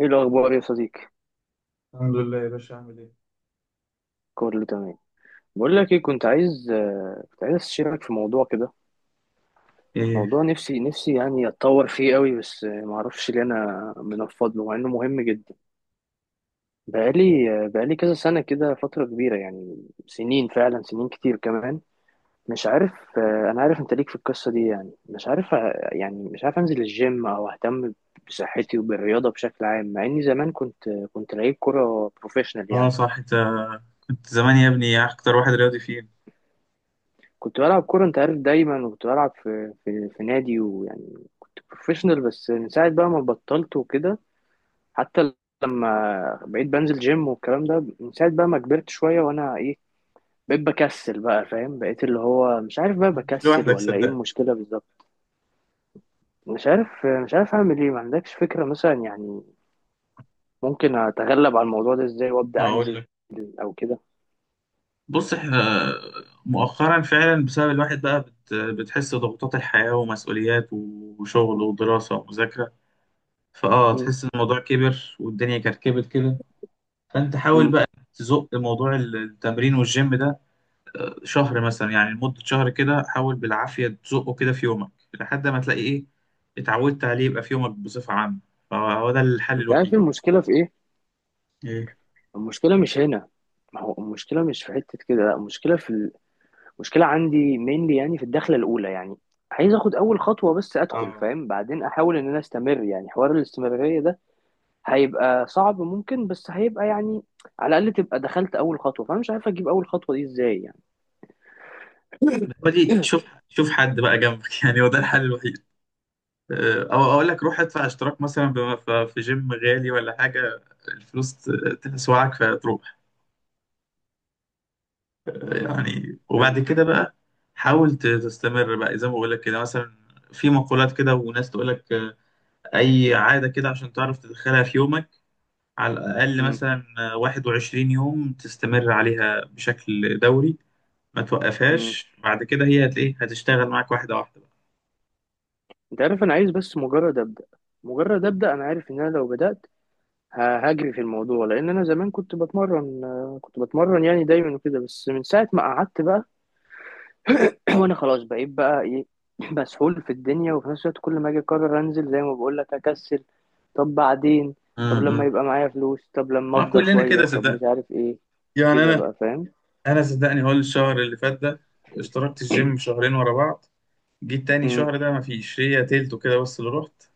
ايه الاخبار يا صديقي؟ الحمد لله يا باشا، عامل ايه؟ كله تمام. بقول لك ايه، كنت عايز استشيرك في موضوع كده. ايه؟ موضوع نفسي نفسي يعني اتطور فيه قوي، بس ما اعرفش ليه انا منفض له مع انه مهم جدا. بقالي كذا سنه كده، فتره كبيره يعني سنين، فعلا سنين كتير كمان. مش عارف. انا عارف انت ليك في القصه دي، يعني مش عارف يعني مش عارف انزل الجيم او اهتم بصحتي وبالرياضه بشكل عام، مع اني زمان كنت لعيب كره بروفيشنال اه، يعني. صح، انت كنت زمان يا ابني اكتر واحد رياضي فينا. كنت بلعب كورة، انت عارف، دايما، وكنت بلعب في نادي، ويعني كنت بروفيشنال، بس من ساعة بقى ما بطلت وكده. حتى لما بقيت بنزل جيم والكلام ده، من ساعة بقى ما كبرت شوية، وانا ايه، بقيت بكسل بقى، فاهم؟ بقيت اللي هو مش عارف بقى مش بكسل لوحدك، ولا ايه صدقني. المشكلة بالظبط. مش عارف اعمل ايه. ما عندكش فكرة مثلا يعني ممكن اتغلب على الموضوع ده ازاي وابدأ اقول انزل، لك. او كده؟ بص، احنا مؤخرا فعلا بسبب الواحد بقى بتحس ضغوطات الحياة ومسؤوليات وشغل ودراسة ومذاكرة، فاه مم. تحس ان الموضوع كبر والدنيا كركبت كده. فانت حاول مم. بقى تزق موضوع التمرين والجيم ده شهر مثلا، يعني لمدة شهر كده حاول بالعافية تزقه كده في يومك، لحد ما تلاقي إيه، اتعودت عليه يبقى في يومك بصفة عامة. فهو ده الحل انت عارف الوحيد. المشكلة في ايه؟ إيه؟ المشكلة مش هنا. ما هو المشكلة مش في حتة كده، لا، المشكلة في المشكلة عندي مينلي، يعني في الدخلة الأولى يعني. عايز آخد أول خطوة، بس أدخل، اه. فاهم، بعدين أحاول إن أنا أستمر، يعني حوار الاستمرارية ده هيبقى صعب ممكن، بس هيبقى يعني على الأقل تبقى دخلت أول خطوة. فأنا مش عارف أجيب أول خطوة دي إزاي يعني. هو دي، شوف شوف حد بقى جنبك يعني هو ده الحل الوحيد. أو أقول لك روح ادفع اشتراك مثلا في جيم غالي ولا حاجة، الفلوس تسوعك فتروح. امم يعني وبعد فهمت. كده بقى حاول تستمر بقى زي ما بقول لك كده مثلا. في مقولات كده وناس تقول لك أي عادة كده عشان تعرف تدخلها في يومك، على الأقل امم. مثلا 21 يوم تستمر عليها بشكل دوري، ما امم. توقفهاش بعد كده، هي هت إيه، هتشتغل معاك واحدة واحدة بقى. أنت عارف، أنا عايز بس مجرد أبدأ، مجرد أبدأ. أنا عارف إن أنا لو بدأت هجري في الموضوع، لان انا زمان كنت بتمرن يعني دايما وكده، بس من ساعه ما قعدت بقى وانا خلاص بقيت بقى ايه، مسحول في الدنيا، وفي نفس الوقت كل ما اجي اقرر انزل زي ما بقول لك اكسل. طب بعدين، م- طب لما م. يبقى معايا فلوس، طب لما ما افضى كلنا كده، شويه، طب مش صدقني. عارف ايه، يعني كده أنا بقى، فاهم؟ أنا صدقني، هو الشهر اللي فات ده اشتركت الجيم شهرين ورا بعض، جيت تاني امم. شهر ده ما فيش، هي تلته كده بس اللي رحت،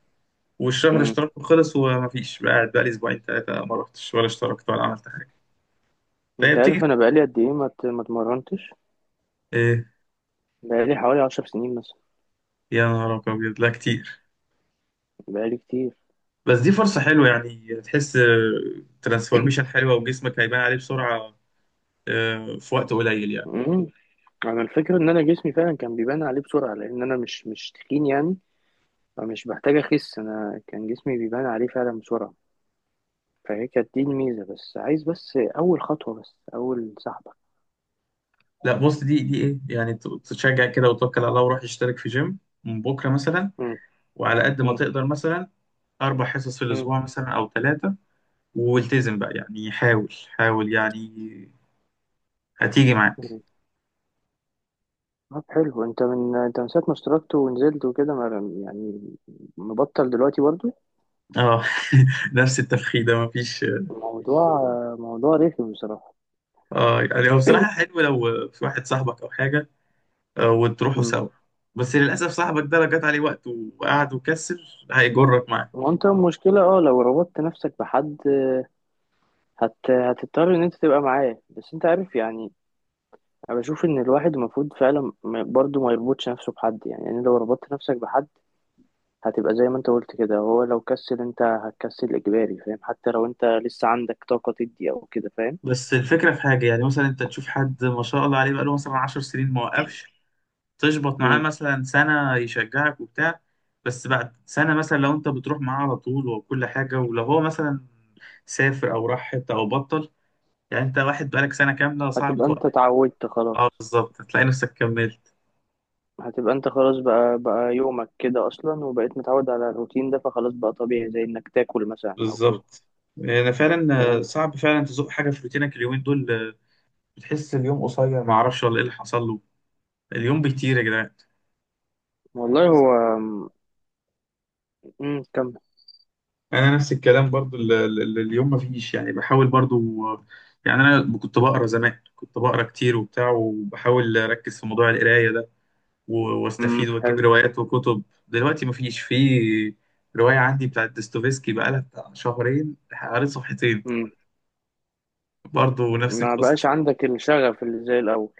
والشهر امم. اشتراكه خلص وما فيش، بقى قاعد بقى لي أسبوعين تلاتة ما رحتش ولا اشتركت ولا عملت حاجة، فهي انت بتيجي. عارف انا بقالي قد ايه ما اتمرنتش؟ إيه؟ بقالي حوالي 10 سنين مثلا. يا نهار أبيض! لا كتير. بقالي كتير. بس دي فرصة حلوة، يعني تحس ترانسفورميشن حلوة وجسمك هيبان عليه بسرعة، في وقت قليل يعني. امم. انا الفكره ان انا جسمي فعلا كان بيبان عليه بسرعه، لان انا مش تخين يعني، فمش بحتاج اخس. انا كان جسمي بيبان عليه فعلا بسرعه، فهي كانت دي الميزه، بس عايز بس اول خطوه، بس اول سحبه. لا، بص، دي ايه يعني، تشجع كده وتوكل على الله، وروح اشترك في جيم من بكرة مثلا. مم. وعلى قد ما مم. تقدر مثلا، أربع حصص في مم. الأسبوع مثلا أو ثلاثة. والتزم بقى، يعني حاول حاول، يعني هتيجي معاك. مم. طب حلو، انت من ساعه ما اشتركت ونزلت وكده يعني مبطل دلوقتي برضو؟ اه. نفس التفخيدة مفيش. موضوع موضوع رخم بصراحه. اه، يعني هو بصراحة حلو لو في واحد صاحبك أو حاجة، وتروحوا مم. سوا. بس للأسف، صاحبك ده لو جات عليه وقت وقعد وكسر هيجرك معاه. وانت المشكله، لو ربطت نفسك بحد هتضطر ان انت تبقى معاه، بس انت عارف يعني. انا بشوف ان الواحد المفروض فعلا برضو ما يربطش نفسه بحد، يعني لو ربطت نفسك بحد هتبقى زي ما انت قلت كده، هو لو كسل انت هتكسل اجباري، فاهم؟ حتى لو انت لسه عندك طاقة تدي او كده، فاهم؟ بس الفكرة في حاجة، يعني مثلا أنت تشوف حد ما شاء الله عليه، بقاله مثلا 10 سنين ما وقفش، تشبط معاه مم. مثلا سنة يشجعك وبتاع. بس بعد سنة مثلا، لو أنت بتروح معاه على طول وكل حاجة، ولو هو مثلا سافر أو راح حتة أو بطل، يعني أنت واحد بقالك سنة كاملة صعب هتبقى توقف. انت اتعودت أه خلاص. بالظبط، هتلاقي نفسك كملت. هتبقى انت خلاص، بقى بقى يومك كده اصلا، وبقيت متعود على الروتين ده، فخلاص بقى طبيعي زي انك تاكل مثلا او كده. بالظبط. أنا فعلا، فهمت. صعب فعلا تزق حاجة في روتينك، اليومين دول بتحس اليوم قصير ما اعرفش ولا ايه اللي حصل له، اليوم بيطير يا جدعان. انا والله نفس هو. امم. كمل. انا نفس الكلام برضو، اليوم ما فيش، يعني بحاول برضو. يعني انا كنت بقرا زمان، كنت بقرا كتير وبتاع وبحاول اركز في موضوع القرايه ده واستفيد امم. حلو. واجيب روايات وكتب، دلوقتي ما فيش، في روايه عندي بتاعت ديستوفيسكي بقالها بتاع شهرين قريت صفحتين، امم. برضو نفس ما القصه. بقاش عندك الشغف اللي زي الاول؟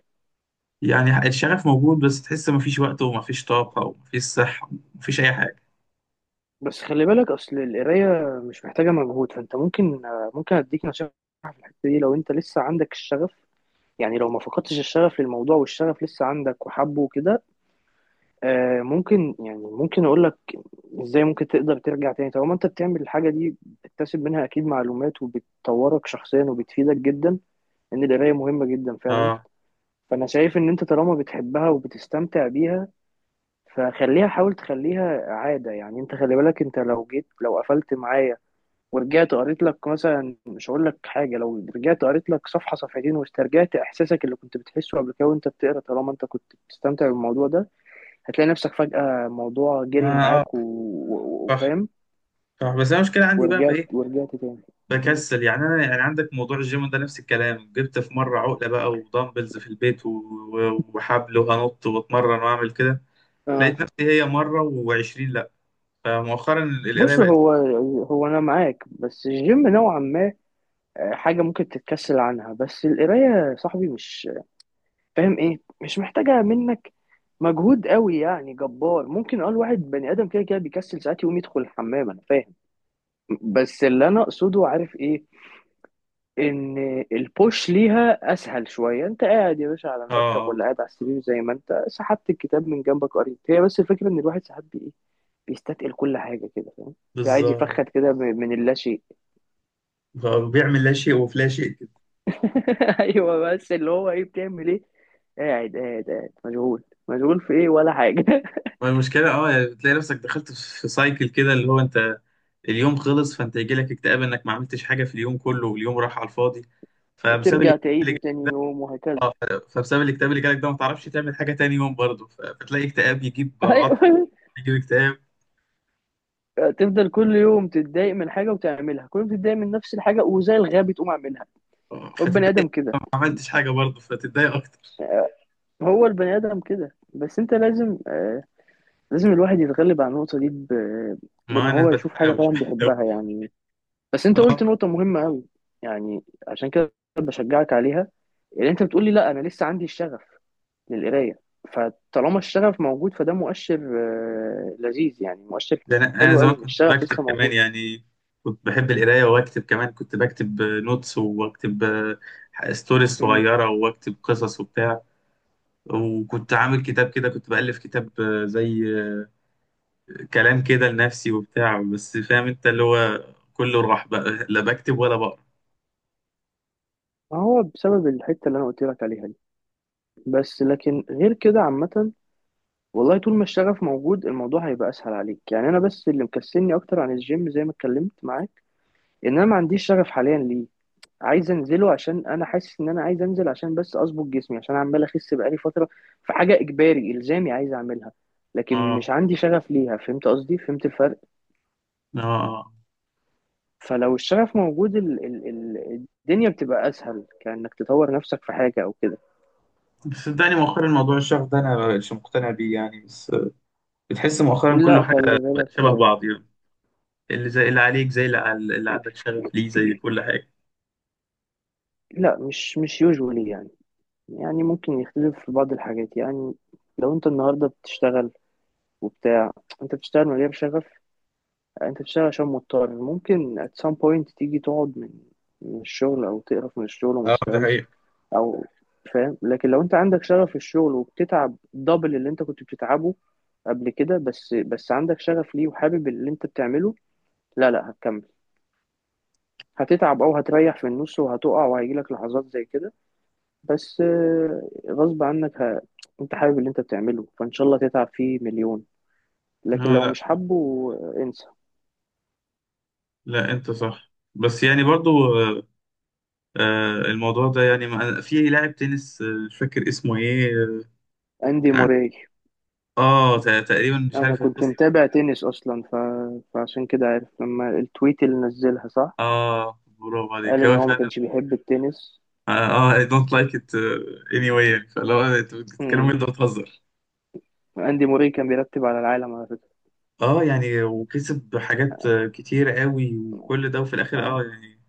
يعني الشغف موجود، بس تحس ما فيش وقت وما فيش طاقه وما فيش صحه وما فيش اي حاجه. بس خلي بالك، اصل القرايه مش محتاجه مجهود، فانت ممكن اديك نصيحه في الحتة دي. لو انت لسه عندك الشغف، يعني لو ما فقدتش الشغف للموضوع، والشغف لسه عندك وحبه وكده، ممكن اقول لك ازاي ممكن تقدر ترجع تاني. طالما انت بتعمل الحاجه دي، بتكتسب منها اكيد معلومات، وبتطورك شخصيا، وبتفيدك جدا، ان القرايه مهمه جدا فعلا. اه فانا شايف ان انت طالما بتحبها وبتستمتع بيها، حاول تخليها عاده يعني. انت خلي بالك، انت لو قفلت معايا ورجعت قريت لك مثلا، مش هقول لك حاجه، لو رجعت قريت لك صفحه صفحتين واسترجعت احساسك اللي كنت بتحسه قبل كده وانت بتقرا، طالما انت كنت بتستمتع بالموضوع ده هتلاقي نفسك فجاه الموضوع اه جري معاك صح، وفاهم. صح. بس انا المشكله عندي بقى في ورجعت ايه؟ ورجعت تاني. مم. بكسل، يعني انا يعني عندك موضوع الجيم ده نفس الكلام، جبت في مره عقله بقى ودمبلز في البيت وحبل وانط واتمرن واعمل كده، آه. لقيت نفسي هي مره و20، لا. فمؤخرا القرايه بص، بقت. هو انا معاك، بس الجيم نوعا ما حاجه ممكن تتكسل عنها، بس القرايه يا صاحبي مش، فاهم ايه، مش محتاجه منك مجهود قوي يعني جبار. ممكن اقول واحد بني ادم كده كده بيكسل ساعات يقوم يدخل الحمام، انا فاهم. بس اللي انا اقصده، عارف ايه، ان البوش ليها اسهل شويه. انت قاعد يا باشا على اه المكتب، اه ولا قاعد على السرير، زي ما انت سحبت الكتاب من جنبك قريت، هي. بس الفكره ان الواحد ساعات بي- ايه بيستثقل كل حاجه كده، فاهم، بيبقى عايز بالظبط. يفخد كده من اللاشيء. بيعمل لا شيء وفي لا شيء كده. ايوه، بس اللي هو ايه، بتعمل ايه؟ قاعد قاعد قاعد، مشغول مشغول في ايه ولا حاجه. ما المشكله اه، يعني بتلاقي نفسك دخلت في سايكل كده، اللي هو انت اليوم خلص، فانت يجيلك اكتئاب انك ما عملتش حاجه في اليوم كله واليوم راح على الفاضي، فبسبب ترجع تعيد، الاكتئاب وتاني يوم، وهكذا. فبسبب الاكتئاب اللي جالك ده ما تعرفش تعمل حاجه تاني يوم برضه، فتلاقي اكتئاب يجيب عطل، ايوه، يجيب اكتئاب، تفضل كل يوم تتضايق من حاجه وتعملها، كل يوم تتضايق من نفس الحاجه وزي الغبي تقوم اعملها. هو البني فتتضايق ادم كده. ما عملتش حاجه برضه فتتضايق اكتر. بس انت لازم آه، لازم الواحد يتغلب على النقطه دي بان ما انا هو يشوف حاجه بتحاول فعلا بيحبها يعني. بس انت آه. قلت نقطه مهمه قوي، يعني عشان كده بشجعك عليها، اللي انت بتقولي لا انا لسه عندي الشغف للقرايه. فطالما الشغف موجود فده مؤشر آه لذيذ يعني مؤشر ده انا حلو زمان قوي، ان كنت الشغف بكتب لسه كمان، موجود. يعني كنت بحب القرايه واكتب كمان، كنت بكتب نوتس واكتب ستوريز مم. صغيره واكتب قصص وبتاع، وكنت عامل كتاب كده، كنت بألف كتاب، زي كلام كده لنفسي وبتاع، بس فاهم انت اللي هو كله راح بقى، لا بكتب ولا بقرا. ما هو بسبب الحتة اللي أنا قلت لك عليها دي، بس لكن غير كده عامة، والله طول ما الشغف موجود الموضوع هيبقى أسهل عليك. يعني أنا بس اللي مكسلني أكتر عن الجيم، زي ما اتكلمت معاك، إن أنا ما عنديش شغف حاليا ليه. عايز أنزله عشان أنا حاسس إن أنا عايز أنزل عشان بس أظبط جسمي، عشان عمال أخس بقالي فترة. في حاجة إجباري إلزامي عايز أعملها، لكن اه، مش عندي شغف ليها. فهمت قصدي؟ فهمت الفرق؟ اه، آه. فلو الشغف موجود ال ال ال الدنيا بتبقى أسهل، كأنك تطور نفسك في حاجة أو كده. صدقني، مؤخرا موضوع الشغف ده انا مش مقتنع بيه يعني، بس بتحس مؤخرا كله لا، حاجه خلي بقت شبه بالك. بعض يعني، اللي زي اللي عليك زي اللي عندك شغف ليه زي كل حاجه. لا، مش يوجوالي يعني. يعني ممكن يختلف في بعض الحاجات. يعني لو انت النهارده بتشتغل وبتاع، انت بتشتغل من غير شغف، انت بتشتغل عشان مضطر، ممكن at some point تيجي تقعد من الشغل، او تقرف من الشغل وما اه، ده تشتغلش، حقيقة. او، فاهم؟ لكن لو انت عندك شغف في الشغل، وبتتعب دبل اللي انت كنت بتتعبه قبل كده، بس عندك شغف ليه وحابب اللي انت بتعمله، لا لا، هتكمل. هتتعب او هتريح في النص وهتقع وهيجيلك لحظات زي كده، بس غصب عنك انت حابب اللي انت بتعمله، فان شاء الله تتعب فيه مليون. لكن اه، لو لا، مش حابه، انسى. لا انت صح بس يعني برضو، آه، الموضوع ده يعني في لاعب تنس، مش فاكر اسمه ايه اندي كان عن- موراي. اه، تقريبا مش انا عارف كنت القصه. متابع تنس اصلا، فعشان كده عارف لما التويت اللي نزلها، صح. اه، برافو قال عليك، ان هو هو ما فعلا. كانش بيحب التنس. اه، اي دونت لايك ات، اني واي، يعني فلو انت بتتكلم امم. انت بتهزر. اندي موراي كان بيرتب على العالم، على فكرة. اه يعني، وكسب حاجات كتير قوي وكل ده، وفي الاخر اه، اه يعني،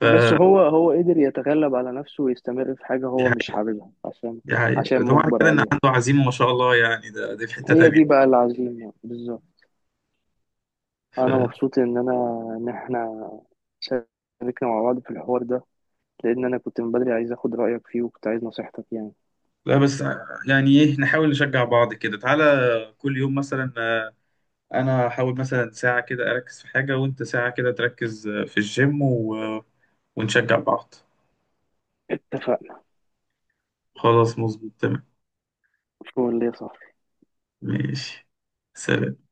بس فدي هو قدر يتغلب على نفسه ويستمر في حاجة هو مش حقيقة. حاببها، عشان دي عشان حقيقة، ده معنى مجبر كده ان عليها. عنده عزيمة ما شاء الله، يعني دي في حتة هي تانية. دي بقى العزيمة بالظبط. ف... انا مبسوط ان احنا شاركنا مع بعض في الحوار ده، لان انا كنت من بدري عايز اخد رايك فيه، وكنت عايز نصيحتك يعني. لا بس، يعني ايه، نحاول نشجع بعض كده، تعالى كل يوم مثلا، انا هحاول مثلا ساعة كده اركز في حاجة، وانت ساعة كده تركز في الجيم و... آه، ونشجع بعض. اتفقنا. خلاص، مظبوط، تمام. فول يا صاحبي. ماشي. سلام.